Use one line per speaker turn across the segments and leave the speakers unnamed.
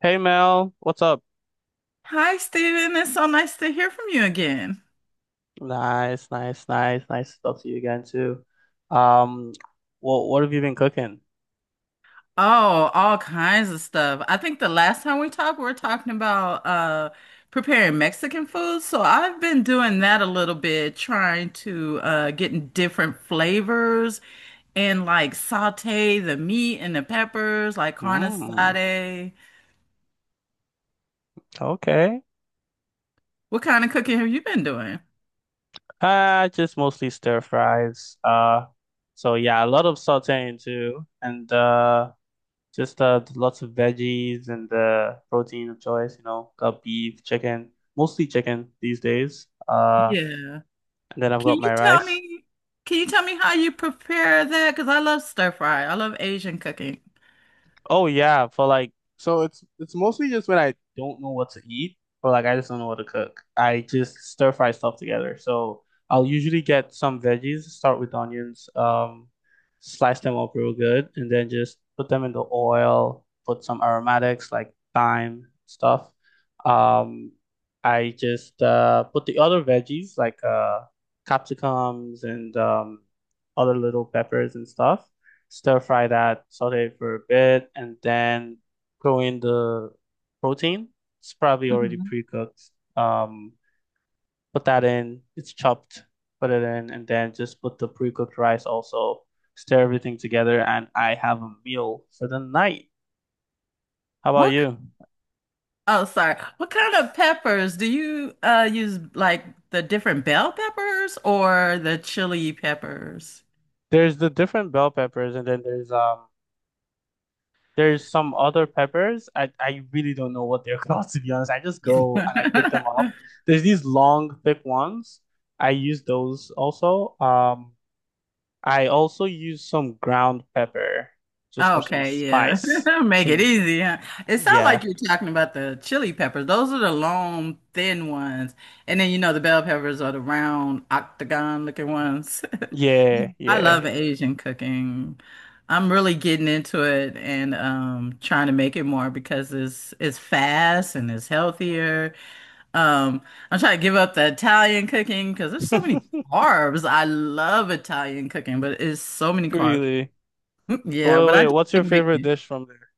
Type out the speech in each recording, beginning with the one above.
Hey Mel, what's up?
Hi, Steven. It's so nice to hear from you again.
Nice to talk to you again too. Um, what have you been cooking?
Oh, all kinds of stuff. I think the last time we talked, we were talking about preparing Mexican food. So I've been doing that a little bit, trying to getting different flavors, and like saute the meat and the peppers, like carne
Mm,
asada.
okay.
What kind of cooking have you been doing?
Just mostly stir fries. So yeah, a lot of sauteing too, and just lots of veggies and protein of choice. You know, got beef, chicken, mostly chicken these days.
Yeah.
And then I've
Can
got
you
my
tell
rice.
me, can you tell me how you prepare that? Because I love stir fry. I love Asian cooking.
Oh yeah, for like so it's mostly just when I don't know what to eat, or like I just don't know what to cook. I just stir fry stuff together. So I'll usually get some veggies, start with onions, slice them up real good, and then just put them in the oil, put some aromatics like thyme stuff. Um, I just put the other veggies like capsicums and other little peppers and stuff, stir fry that, saute it for a bit, and then throw in the protein. It's probably already
Mhm.
pre-cooked. Um, Put that in. It's chopped. Put it in, and then just put the pre-cooked rice also. Stir everything together, and I have a meal for the night. How about
What
you?
Oh, sorry. What kind of peppers do you use, like the different bell peppers or the chili peppers?
There's the different bell peppers, and then there's there's some other peppers. I really don't know what they're called, to be honest. I just go and I pick them up. There's these long, thick ones. I use those also. I also use some ground pepper just for some
Okay, yeah.
spice.
Make it
Some,
easy, huh? It sounds
yeah,
like you're talking about the chili peppers. Those are the long, thin ones. And then you know the bell peppers are the round, octagon looking ones.
yeah,
I
yeah.
love Asian cooking. I'm really getting into it, and trying to make it more because it's fast and it's healthier. Um, I'm trying to give up the Italian cooking because there's so many carbs. I love Italian cooking, but it's so many carbs.
Really?
Yeah, but I do
What's your
like
favorite
making.
dish from there?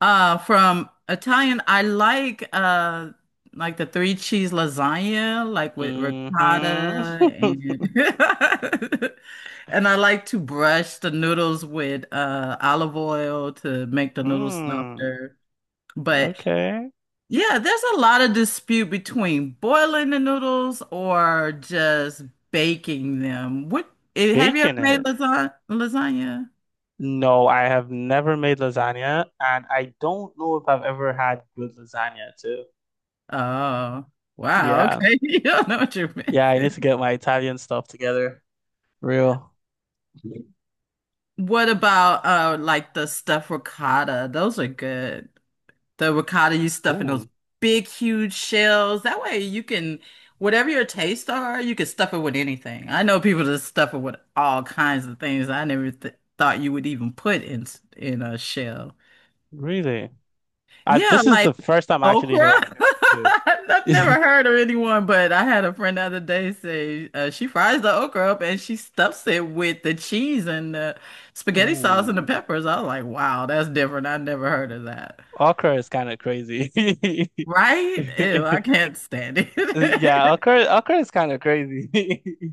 From Italian, I like the three cheese lasagna, like with ricotta,
Mm-hmm.
and and I like to brush the noodles with olive oil to make the noodles
Mm,
softer. But
okay.
yeah, there's a lot of dispute between boiling the noodles or just baking them. Have you ever
Bacon
made
it.
lasagna? Lasagna?
No, I have never made lasagna, and I don't know if I've ever had good lasagna too.
Oh, wow.
Yeah,
Okay, you don't know what you're
yeah, I need to
missing.
get my Italian stuff together. Real.
What about like the stuffed ricotta? Those are good. The ricotta you stuff in those
Ooh,
big, huge shells. That way you can, whatever your tastes are, you can stuff it with anything. I know people that stuff it with all kinds of things I never th thought you would even put in a shell.
really?
Yeah,
This is
like
the first time I'm actually
okra.
hearing of it
I've
too.
never heard of anyone, but I had a friend the other day say, she fries the okra up and she stuffs it with the cheese and the spaghetti sauce and the
Ooh,
peppers. I was like, wow, that's different. I never heard of that.
okra is kind of crazy.
Right? Ew, I can't stand it.
Yeah, okra is kind of crazy.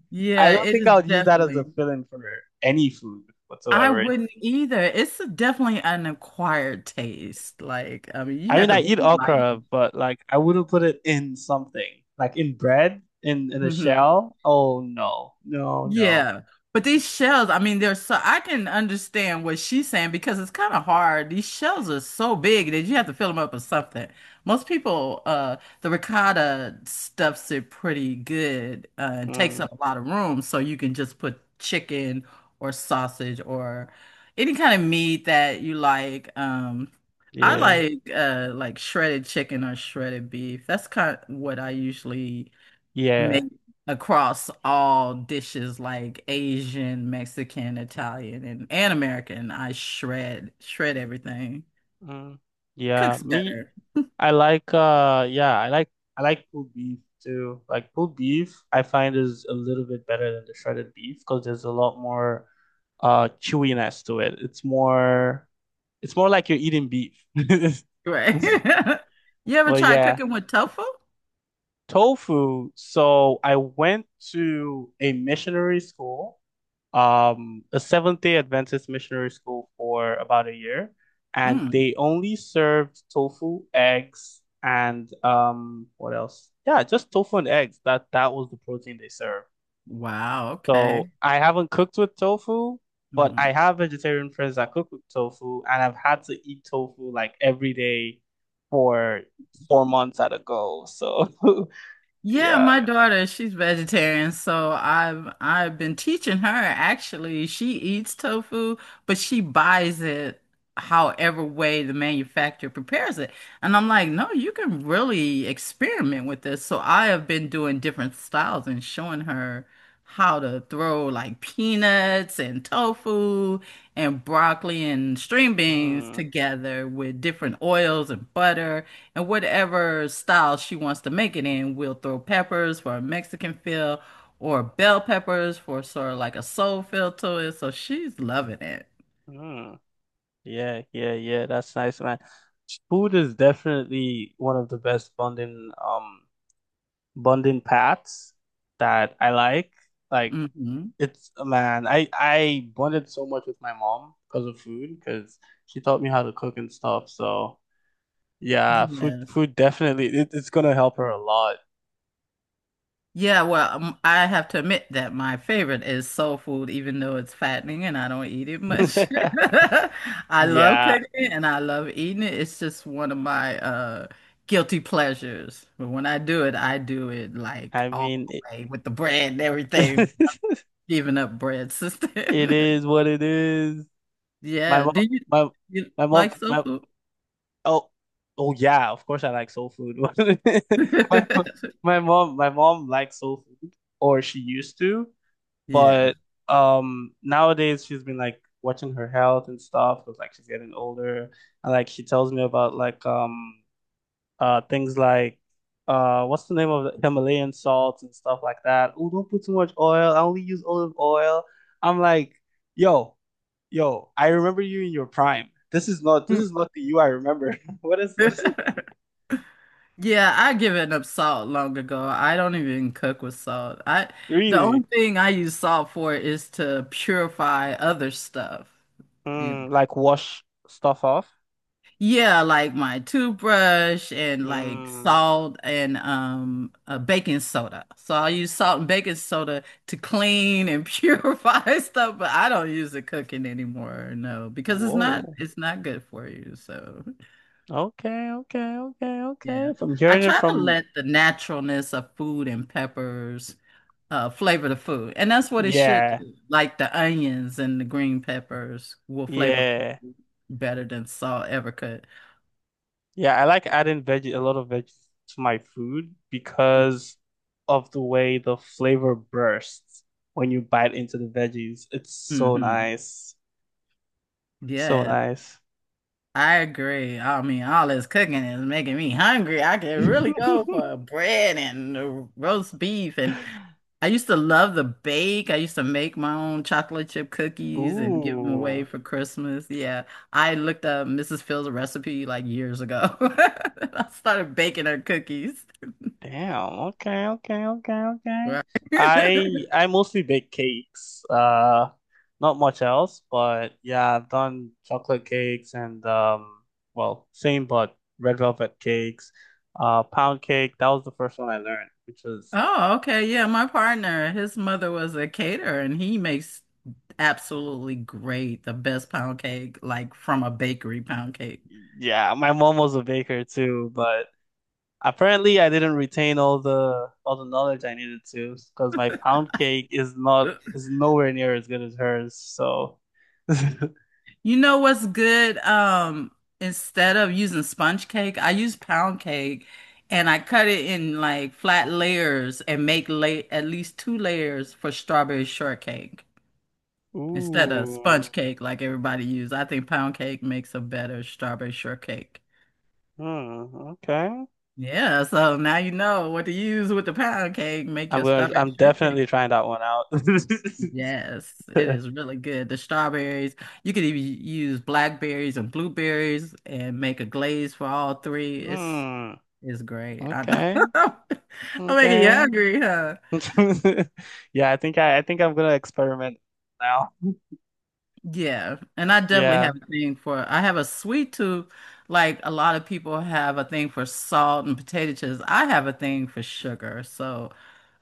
I
Yeah,
don't
it
think
is
I would use that as a
definitely.
filling for any food
I
whatsoever.
wouldn't either. It's definitely an acquired taste. Like, I mean, you
I
have
mean,
to
I eat
really like it.
okra, but like I wouldn't put it in something like in bread, in a
Mm-hmm.
shell. Oh no, no, no.
Yeah. But these shells, I mean, they're so I can understand what she's saying because it's kind of hard. These shells are so big that you have to fill them up with something. Most people, the ricotta stuffs it pretty good, and takes
Mm,
up a lot of room, so you can just put chicken or sausage or any kind of meat that you like. I
yeah,
like shredded chicken or shredded beef. That's kind of what I usually
yeah,
made across all dishes like Asian, Mexican, Italian, and, American. I shred everything.
mm, yeah.
Cooks
Me,
better.
I like yeah, I like pulled beef too. Like pulled beef, I find is a little bit better than the shredded beef because there's a lot more chewiness to it. It's more like you're eating beef.
Right. You ever
Well,
tried
yeah.
cooking with tofu?
Tofu. So I went to a missionary school, a Seventh-day Adventist missionary school for about a year, and
Mm.
they only served tofu, eggs, and what else? Yeah, just tofu and eggs. That was the protein they served.
Wow,
So
okay.
I haven't cooked with tofu, but
Mm.
I have vegetarian friends that cook with tofu, and I've had to eat tofu like every day for 4 months at a go. So
Yeah,
yeah.
my daughter, she's vegetarian, so I've been teaching her actually. She eats tofu, but she buys it however way the manufacturer prepares it. And I'm like, "No, you can really experiment with this." So I have been doing different styles and showing her how to throw like peanuts and tofu and broccoli and string beans
Mm,
together with different oils and butter. And whatever style she wants to make it in, we'll throw peppers for a Mexican feel or bell peppers for sort of like a soul feel to it. So she's loving it.
mm. Yeah, yeah, yeah. That's nice, man. Food is definitely one of the best bonding bonding paths that I like. Like
Hmm.
it's man, I bonded so much with my mom because of food because she taught me how to cook and stuff. So yeah, food
Yes.
food definitely it's gonna help her a lot.
Yeah, well, I have to admit that my favorite is soul food, even though it's fattening and I don't eat it much. I love
Yeah,
cooking it and I love eating it. It's just one of my guilty pleasures. But when I do it like
I
all
mean it,
the way with the bread and everything. Giving up bread, sister.
it is what it is. My
Yeah.
mom, my
You
my mom,
like soul
my
food?
Oh, oh yeah, of course I like soul food. My my mom likes soul food, or she used to,
Yeah.
but nowadays she's been like watching her health and stuff because like she's getting older and like she tells me about like things like what's the name of the Himalayan salts and stuff like that. Oh, don't put too much oil. I only use olive oil. I'm like, yo, yo, I remember you in your prime. This is not the you I remember. What is this?
Yeah, I given up salt long ago. I don't even cook with salt. I The
Really?
only thing I use salt for is to purify other stuff. You
Mm, like wash stuff off?
Yeah, like my toothbrush and like
Mm,
salt and baking soda. So I use salt and baking soda to clean and purify stuff, but I don't use it cooking anymore, no, because it's not
whoa.
it's not good for you. So
Okay, okay, okay, okay.
yeah,
If I'm
I
hearing it
try to
from,
let the naturalness of food and peppers flavor the food, and that's what it should
yeah,
do. Like the onions and the green peppers will flavor
yeah,
food better than salt ever could.
yeah. I like adding a lot of veggies to my food because of the way the flavor bursts when you bite into the veggies. It's so
Hmm.
nice. So
Yes.
nice.
I agree. I mean, all this cooking is making me hungry. I could really go for bread and, roast beef. And I used to love the bake. I used to make my own chocolate chip cookies and give them
Ooh.
away for Christmas. Yeah. I looked up Mrs. Phil's recipe like years ago. And I started baking her cookies.
Damn. Okay. Okay. Okay. Okay.
Right.
I I mostly bake cakes. Not much else, but yeah, I've done chocolate cakes and well, same but red velvet cakes. Pound cake. That was the first one I learned, which was
Oh, okay. Yeah, my partner, his mother was a caterer, and he makes absolutely great, the best pound cake, like from a bakery pound.
yeah. My mom was a baker too, but apparently I didn't retain all the knowledge I needed to because my pound cake is
You
not is nowhere near as good as hers. So.
know what's good? Instead of using sponge cake, I use pound cake, and I cut it in like flat layers and make la at least two layers for strawberry shortcake instead of
Ooh.
sponge cake like everybody use. I think pound cake makes a better strawberry shortcake.
Hmm, okay.
Yeah, so now you know what to use with the pound cake. Make your strawberry
I'm
shortcake.
definitely trying that one out.
Yes, it is really good. The strawberries, you could even use blackberries and blueberries and make a glaze for all three. It's
Hmm,
it's great. I know.
okay.
I'm making you
Okay.
hungry, huh?
Yeah, I think I'm gonna experiment now.
Yeah, and I definitely
Yeah.
have a thing for I have a sweet tooth. Like a lot of people have a thing for salt and potato chips. I have a thing for sugar. So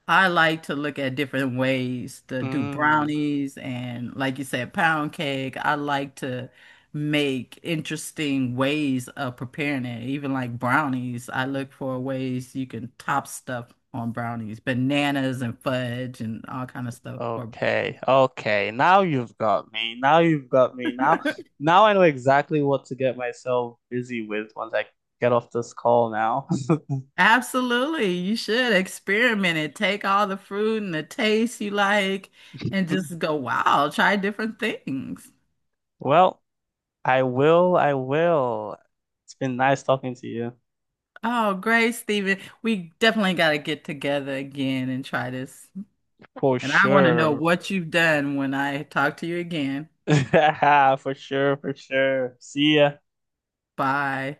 I like to look at different ways to do
Hmm.
brownies and, like you said, pound cake. I like to make interesting ways of preparing it. Even like brownies, I look for ways you can top stuff on brownies, bananas and fudge and all kind of stuff for
Okay. Okay. Now you've got me. Now you've got me. Now, now I know exactly what to get myself busy with once I get off this call now.
absolutely. You should experiment it. Take all the fruit and the taste you like and just go, wow, try different things.
Well, I will. I will. It's been nice talking to you.
Oh, great, Stephen. We definitely got to get together again and try this.
For
And I want to know
sure.
what you've done when I talk to you again.
For sure, for sure. See ya.
Bye.